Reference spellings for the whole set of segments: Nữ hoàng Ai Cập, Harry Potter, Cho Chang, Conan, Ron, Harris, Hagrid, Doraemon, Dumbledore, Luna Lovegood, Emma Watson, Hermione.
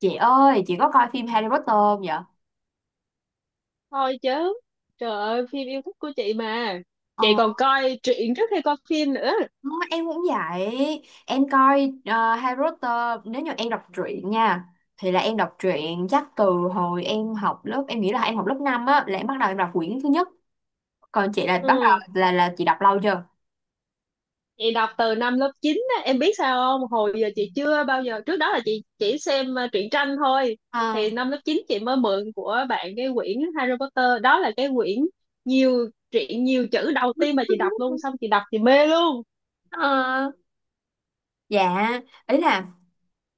Chị ơi, chị có coi phim Harry Potter không vậy? Thôi chứ! Trời ơi, phim yêu thích của chị mà. Ờ, Chị còn coi truyện trước khi coi phim nữa. em cũng vậy. Em coi Harry Potter. Nếu như em đọc truyện nha, thì là em đọc truyện chắc từ hồi em học lớp. Em nghĩ là em học lớp 5 á. Là em bắt đầu em đọc quyển thứ nhất. Còn chị là bắt Ừ. đầu là chị đọc lâu chưa? Chị đọc từ năm lớp 9 á, em biết sao không, hồi giờ chị chưa bao giờ, trước đó là chị chỉ xem truyện tranh thôi. Ờ. Thì năm lớp 9 chị mới mượn của bạn cái quyển Harry Potter, đó là cái quyển nhiều truyện nhiều chữ đầu tiên mà chị đọc luôn. Xong chị đọc chị mê luôn. Ờ. Dạ. Ý là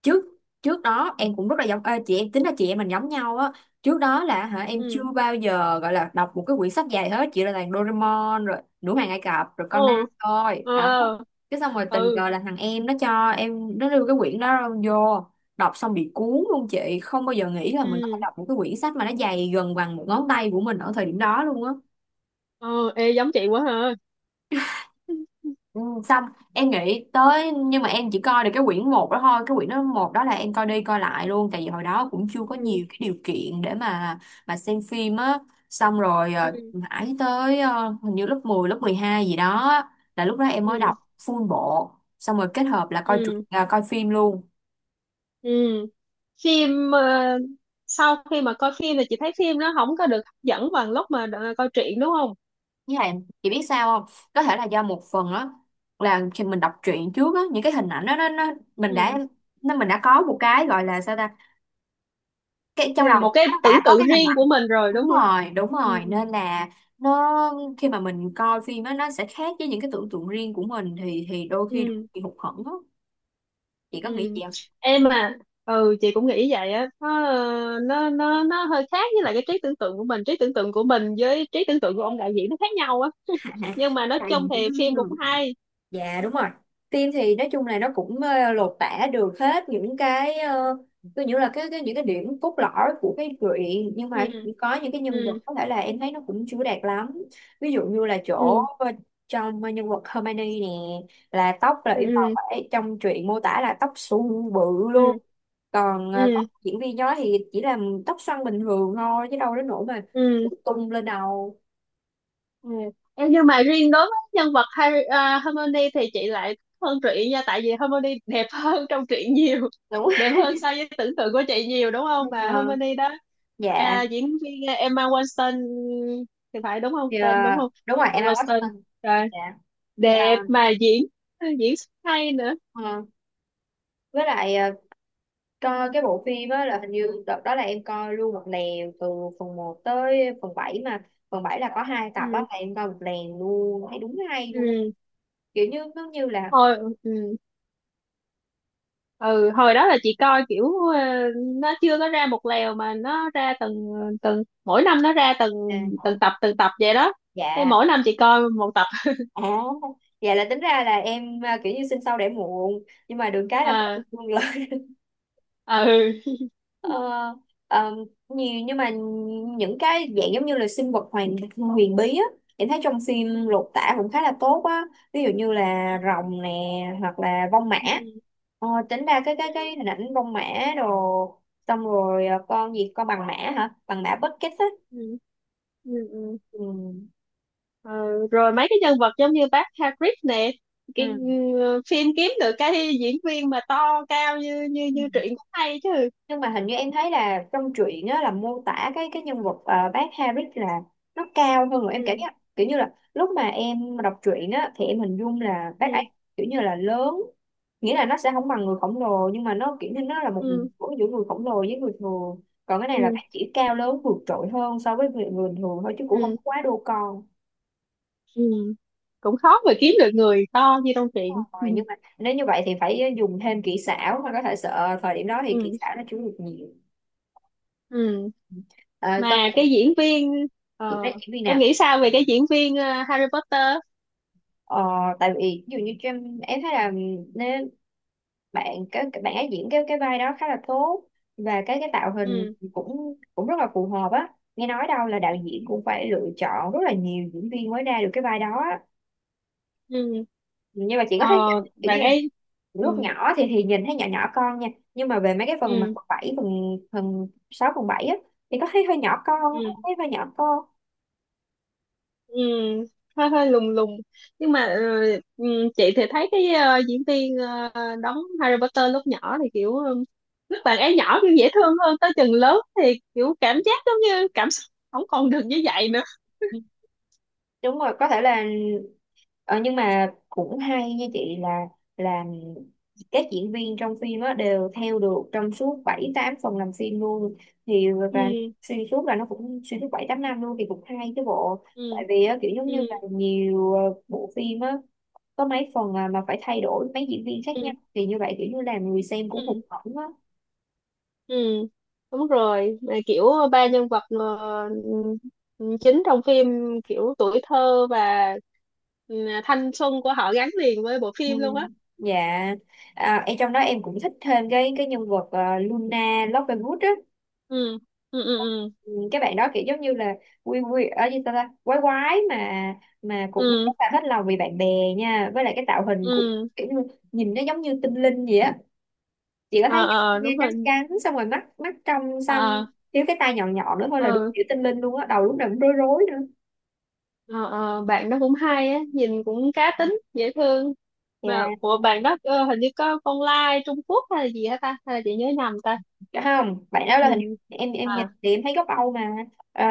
trước trước đó em cũng rất là giống, chị em tính là chị em mình giống nhau á. Trước đó là hả em chưa Ừ. bao giờ gọi là đọc một cái quyển sách dài hết, chỉ là toàn Doraemon rồi Nữ hoàng Ai Cập rồi Conan Ừ. thôi Ừ. đó. Ừ. Cái xong rồi tình Ừ. cờ là thằng em nó cho em, nó đưa cái quyển đó vô, đọc xong bị cuốn luôn. Chị không bao giờ nghĩ là mình có thể Ừ, đọc một cái quyển sách mà nó dày gần bằng một ngón tay của mình ở thời điểm đó luôn á. ừ. Ê, giống chị quá ha. Ừ, xong em nghĩ tới, nhưng mà em chỉ coi được cái quyển một đó thôi. Cái quyển đó một đó là em coi đi coi lại luôn, tại vì hồi đó cũng chưa có Ừ. nhiều cái điều kiện để mà xem phim á. Xong rồi Ừ. mãi tới, hình như lớp 12 gì đó, là lúc đó em mới Ừ. đọc full bộ, xong rồi kết hợp là coi truyện Ừ. à, coi phim luôn. Ừ. phim ờ, Sau khi mà coi phim thì chị thấy phim nó không có được hấp dẫn bằng lúc mà coi truyện đúng không? Với lại chị biết sao không, có thể là do một phần á, là khi mình đọc truyện trước á những cái hình ảnh đó nó mình đã, Ừ. nó mình đã có một cái gọi là sao ta, cái Thế trong là đầu mình một nó cái đã tưởng có tượng cái hình riêng của ảnh. mình rồi Đúng đúng không? rồi, đúng rồi, Ừ. nên là nó khi mà mình coi phim á, nó sẽ khác với những cái tưởng tượng riêng của mình thì đôi khi Ừ. bị hụt hẫng á. Chị có nghĩ Ừ. vậy không? Em mà... Ừ, chị cũng nghĩ vậy á, nó hơi khác với lại cái trí tưởng tượng của mình, trí tưởng tượng của mình với trí tưởng tượng của ông đạo diễn nó khác nhau á. Nhưng mà nói Tại chung vì thì phim cũng hay. dạ đúng rồi. Phim thì nói chung là nó cũng, lột tả được hết những cái, tôi nghĩ là cái những cái điểm cốt lõi của cái truyện, nhưng mà Ừ. có những cái nhân Ừ. vật có thể là em thấy nó cũng chưa đạt lắm. Ví dụ như là chỗ, Ừ. Trong nhân vật Hermione nè, là tóc là Ừ. yêu cầu Ừ. phải, trong truyện mô tả là tóc xù bự Ừ. luôn. Còn tóc Ừ. diễn viên đó thì chỉ là tóc xoăn bình thường thôi chứ đâu đến nỗi mà Ừ. tung lên đầu. Ừ. Em, nhưng mà riêng đối với nhân vật Harry, à, Hermione thì chị lại thích hơn truyện nha, tại vì Hermione đẹp hơn trong truyện nhiều, Đúng. đẹp hơn so với tưởng tượng của chị nhiều đúng không, mà Ờ, Hermione đó, dạ. à, diễn viên Emma Watson thì phải, đúng không Thì, ờ, tên, đúng không? đúng rồi Emma Emma Watson, Watson. rồi, Dạ. Ờ, đẹp mà diễn diễn xuất hay nữa. ờ, với lại, coi cái bộ phim á là hình như đợt đó là em coi luôn một lèo từ phần một tới phần bảy, mà phần 7 là có hai tập á, Ừ. là em coi một lèo luôn thấy đúng hay luôn, Ừ. kiểu như nó như là Thôi. Ừ. Ừ, hồi đó là chị coi kiểu ờ, nó chưa có ra một lèo, mà nó ra từng từng mỗi năm, nó ra từng à, từng tập, từng tập vậy đó, thế dạ mỗi năm chị coi một tập. à, dạ là tính ra là em à, kiểu như sinh sau đẻ muộn nhưng mà được cái là có được À. luôn. Ừ. Ờ, ờ, nhiều, nhưng mà những cái dạng giống như là sinh vật hoàn huyền bí á, em thấy trong phim lột tả cũng khá là tốt á. Ví dụ như là rồng nè, hoặc là vong mã. Ừ. Ờ, tính ra cái hình ảnh vong mã đồ, xong rồi, con gì, con bằng mã, hả bằng mã Bucket á. Ừ. Ừ. Ừ. Ừ. Ờ, rồi mấy cái nhân vật giống như bác Hagrid nè, cái phim kiếm được cái diễn viên mà to cao như như Ừ. như truyện cũng hay chứ. Nhưng mà hình như em thấy là trong truyện á là mô tả cái nhân vật, bác Harris là nó cao hơn. Rồi em cảm Ừ. giác kiểu như là lúc mà em đọc truyện á thì em hình dung là bác ấy Ừ. kiểu như là lớn, nghĩa là nó sẽ không bằng người khổng lồ nhưng mà nó kiểu như nó là một Ừ. của giữa người khổng lồ với người thường. Còn cái này là Ừ. bác chỉ cao lớn vượt trội hơn so với người thường thôi chứ cũng không Ừ. quá đô con. Ừ, cũng khó mà kiếm được người to như trong truyện. Ừ. Rồi nhưng mà nếu như vậy thì phải dùng thêm kỹ xảo, mà có thể sợ thời điểm đó thì Ừ. kỹ xảo nó chưa được nhiều. Ừ. À, xong Mà cái diễn viên chị ờ, nói diễn viên em nào? nghĩ sao về cái diễn viên Harry Potter? ờ, Tại vì ví dụ như cho em thấy là nếu bạn cái bạn ấy diễn cái vai đó khá là tốt, và cái tạo hình Ừ. cũng cũng rất là phù hợp á. Nghe nói đâu là đạo diễn cũng phải lựa chọn rất là nhiều diễn viên mới ra được cái vai đó á. Ừ. Nhưng mà chị ờ, có thấy kiểu như Bạn là ấy... lúc Ừ. nhỏ thì nhìn thấy nhỏ nhỏ con nha, nhưng mà về mấy cái phần mà Ừ. phần bảy phần phần sáu phần bảy á, thì có thấy hơi nhỏ con, có Ừ. thấy hơi nhỏ con. Ừ, hơi hơi lùng lùng, nhưng mà chị thì thấy cái diễn viên đóng Harry Potter lúc nhỏ thì kiểu lúc bạn ấy nhỏ kiểu dễ thương hơn, tới chừng lớn thì kiểu cảm giác giống như cảm xúc không còn được như vậy nữa. Ừ, đúng rồi có thể là. Ờ, nhưng mà cũng hay như chị là các diễn viên trong phim á đều theo được trong suốt 7 8 phần làm phim luôn thì, và Ừ xuyên suốt là nó cũng xuyên suốt 7 8 năm luôn thì cũng hay chứ bộ. Tại ừ. vì á, kiểu giống như là Ừ. nhiều, bộ phim á có mấy phần à, mà phải thay đổi mấy diễn viên khác Ừ. nhau thì như vậy kiểu như làm người xem cũng hụt hẫng á. Ừ, đúng rồi. Mà kiểu ba nhân vật chính trong phim, kiểu tuổi thơ và ừ, thanh xuân của họ gắn liền với bộ Ừ. phim luôn á. Dạ. À, em trong đó em cũng thích thêm cái nhân vật, Luna Lovegood á. Ừ, ừ, ừ, ừ, Ừ, cái bạn đó kiểu giống như là quy quy ở gì ta, ta quái quái mà cũng rất ừ, là hết lòng vì bạn bè nha. Với lại cái tạo hình cũng ừ. kiểu như nhìn nó giống như tinh linh vậy á. Chị có Ờ, thấy ờ, ờ, đúng nghe rồi. trắng trắng, xong rồi mắt mắt trong xăm, Ờ, thiếu cái tai nhọn nhọn nữa thôi là đúng ờ, kiểu tinh linh luôn á, đầu lúc nào cũng rối rối nữa. ờ, ờ, bạn đó cũng hay á, nhìn cũng cá tính, dễ thương. Mà Dạ. của bạn đó hình như có con lai Trung Quốc hay là gì hả ta? Hay là chị nhớ nhầm ta? Dạ không, bạn đó là hình, Nhìn... em nhìn À, thì em thấy gốc Âu mà. Ờ,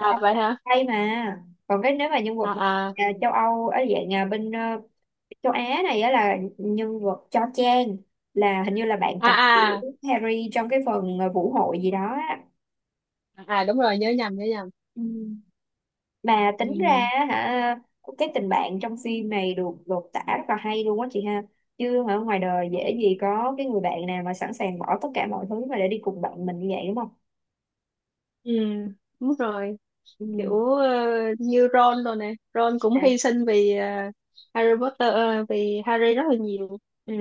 Âu vậy hả? Tây, mà còn cái nếu mà nhân vật mà, À, à, à, châu Âu ở dạng à, bên, châu Á này á, là nhân vật Cho Chang, là hình như là bạn à, cặp của à. Harry trong cái phần, vũ hội gì đó á. À, đúng rồi, nhớ nhầm, nhớ nhầm. Ừ. Mà Ừ. tính ra á hả, cái tình bạn trong phim này được lột tả rất là hay luôn á chị ha. Chứ ở ngoài đời dễ gì có cái người bạn nào mà sẵn sàng bỏ tất cả mọi thứ mà để đi cùng bạn mình như vậy, đúng không. Ừ, đúng rồi. Ừ. Kiểu như Ron rồi nè. Ron cũng À. hy sinh vì Harry Potter, vì Harry rất là nhiều. Ừ.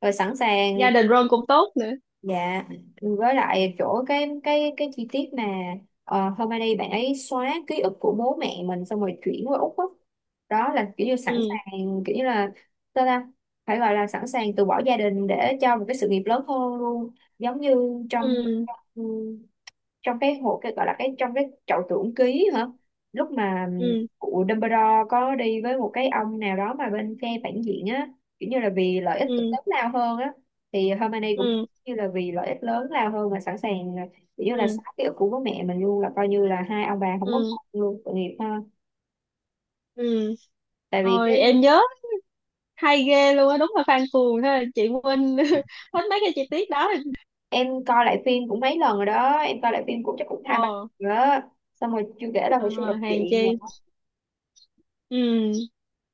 Rồi sẵn Gia sàng. đình Ron cũng tốt nữa. Dạ, với lại chỗ cái chi tiết mà, hôm nay đi bạn ấy xóa ký ức của bố mẹ mình xong rồi chuyển qua Úc á. Đó. Là kiểu như sẵn Ừ, sàng, kiểu như là sao ta, phải gọi là sẵn sàng từ bỏ gia đình để cho một cái sự nghiệp lớn hơn luôn, giống như trong, ừ, ừ, trong cái hộ cái gọi là cái trong cái chậu tưởng ký hả, lúc mà ừ, cụ Dumbledore có đi với một cái ông nào đó mà bên phe phản diện á, kiểu như là vì lợi ích ừ, lớn lao hơn á, thì Hermione cũng ừ, như là vì lợi ích lớn lao hơn mà sẵn sàng kiểu như là ừ, xóa ký ức của bố mẹ mình luôn, là coi như là hai ông bà không có ừ, con luôn, tội nghiệp ha. ừ. Tại vì Rồi cái em nhớ hay ghê luôn á, đúng là fan cuồng ha. Chị quên hết mấy cái chi tiết đó. em coi lại phim cũng mấy lần rồi đó, em coi lại phim cũng chắc cũng hai ba lần Ồ. rồi đó, xong rồi chưa kể là hồi xưa đọc ờ, Hàng truyện chi. nữa. Ừ,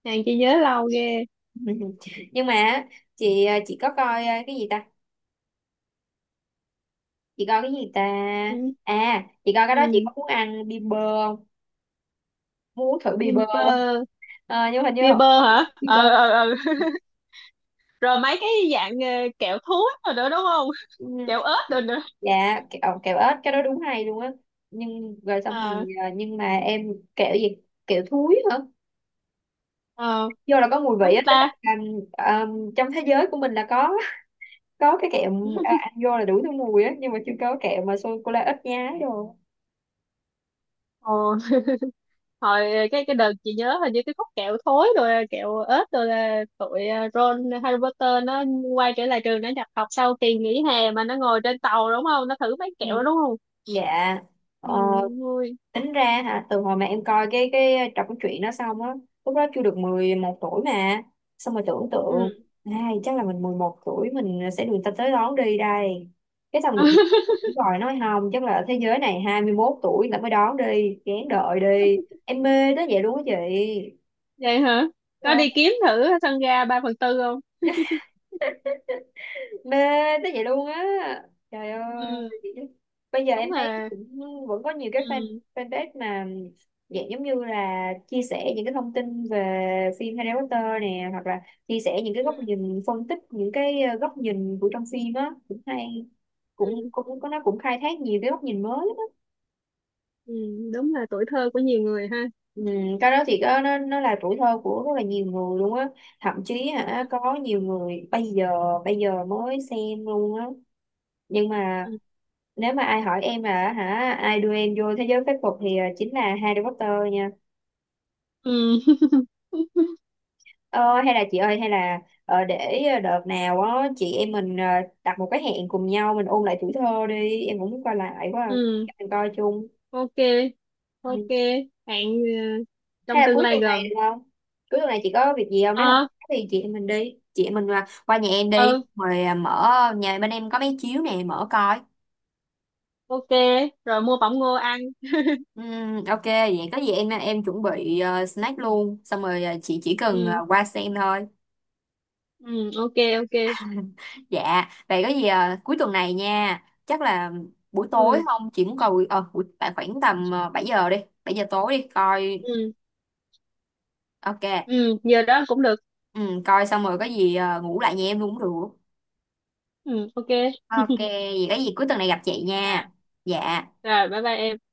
hàng chi nhớ lâu ghê. Nhưng mà á, chị, chị có coi, cái gì ta, chị coi cái gì ta? Ừ, À chị coi cái đó, chị ừ. có muốn ăn bia bơ không? Muốn uống thử bia bơ. Gimper. Ờ, nhưng hình như Fiber hả? bia bơ, Ờ, ờ, ờ. Rồi mấy cái dạng kẹo thúi rồi nữa đúng không? ừ, Kẹo ớt rồi nữa. dạ kẹo, kẹo ếch cái đó đúng hay luôn á. Nhưng rồi xong Ờ, rồi, nhưng mà em kẹo gì, kẹo thúi hả, ờ, vô là có mùi vị đúng á, tính ta. là trong thế giới của mình là có cái kẹo à, ăn vô là đủ thứ mùi á, nhưng mà chưa có kẹo mà sô cô la ít nhái rồi. Ồ, hồi cái đợt chị nhớ hình như cái khúc kẹo thối rồi kẹo ớt rồi là tụi Ron Harry Potter nó quay trở lại trường nó nhập học sau kỳ nghỉ hè mà nó ngồi trên tàu đúng không? Nó thử mấy kẹo Ừ. đó đúng không? Dạ. Ừ, Ờ, vui. tính ra hả từ hồi mà em coi cái trọc truyện đó xong á, lúc đó chưa được 11 tuổi mà, xong rồi tưởng Ừ. tượng ai chắc là mình 11 tuổi mình sẽ được người ta tới đón đi đây. Cái xong được đúng rồi, nói không chắc là ở thế giới này 21 tuổi là mới đón đi kén đợi đi. Em mê tới vậy luôn á chị. Vậy hả? Có Ờ. đi kiếm thử sân ga 3/4 không? Mê tới vậy luôn á, trời ơi. Ừ, Bây giờ em đúng thấy là... cũng vẫn có nhiều cái fan, Ừ. fanpage mà dạng giống như là chia sẻ những cái thông tin về phim Harry Potter nè, hoặc là chia sẻ những cái Ừ, góc nhìn phân tích những cái, góc nhìn của trong phim á cũng hay, cũng ừ. cũng có nó cũng khai thác nhiều cái góc nhìn mới. Ừ, đúng là tuổi thơ của nhiều người ha. Ừ, cái đó thì có, nó là tuổi thơ của rất là nhiều người luôn á, thậm chí hả có nhiều người bây giờ, bây giờ mới xem luôn á. Nhưng mà Ừ, nếu mà ai hỏi em là hả ai đưa em vô thế giới phép thuật thì, chính là Harry Potter nha. ừ. Ờ, hay là chị ơi, hay là, để, đợt nào á chị em mình, đặt một cái hẹn cùng nhau mình ôn lại tuổi thơ đi, em cũng muốn coi lại quá à. Ừ, Mình coi chung. ok. Ừ. Ok, hẹn Hay trong là tương cuối lai tuần này gần. được không? Cuối tuần này chị có việc gì không, nếu không Ờ. có thì chị em mình đi, chị em mình qua nhà em đi, Ừ, rồi à, mở, nhà bên em có mấy chiếu nè mở coi. ok. Rồi mua bỏng ngô ăn. Ok vậy có gì em chuẩn bị, snack luôn, xong rồi, chị chỉ cần, Ừ, qua xem thôi. ừ, ok. Ok. Dạ vậy có gì, cuối tuần này nha, chắc là buổi tối Ừ, không, chị muốn coi buổi tại khoảng tầm, 7 giờ đi, 7 giờ tối đi coi. ừ, Ok. ừ, giờ đó cũng được. Coi xong rồi có gì, ngủ lại nhà em luôn cũng được. Ừ, ok. Ok vậy có gì cuối tuần này gặp chị nha. Rồi, Dạ. rồi bye bye em.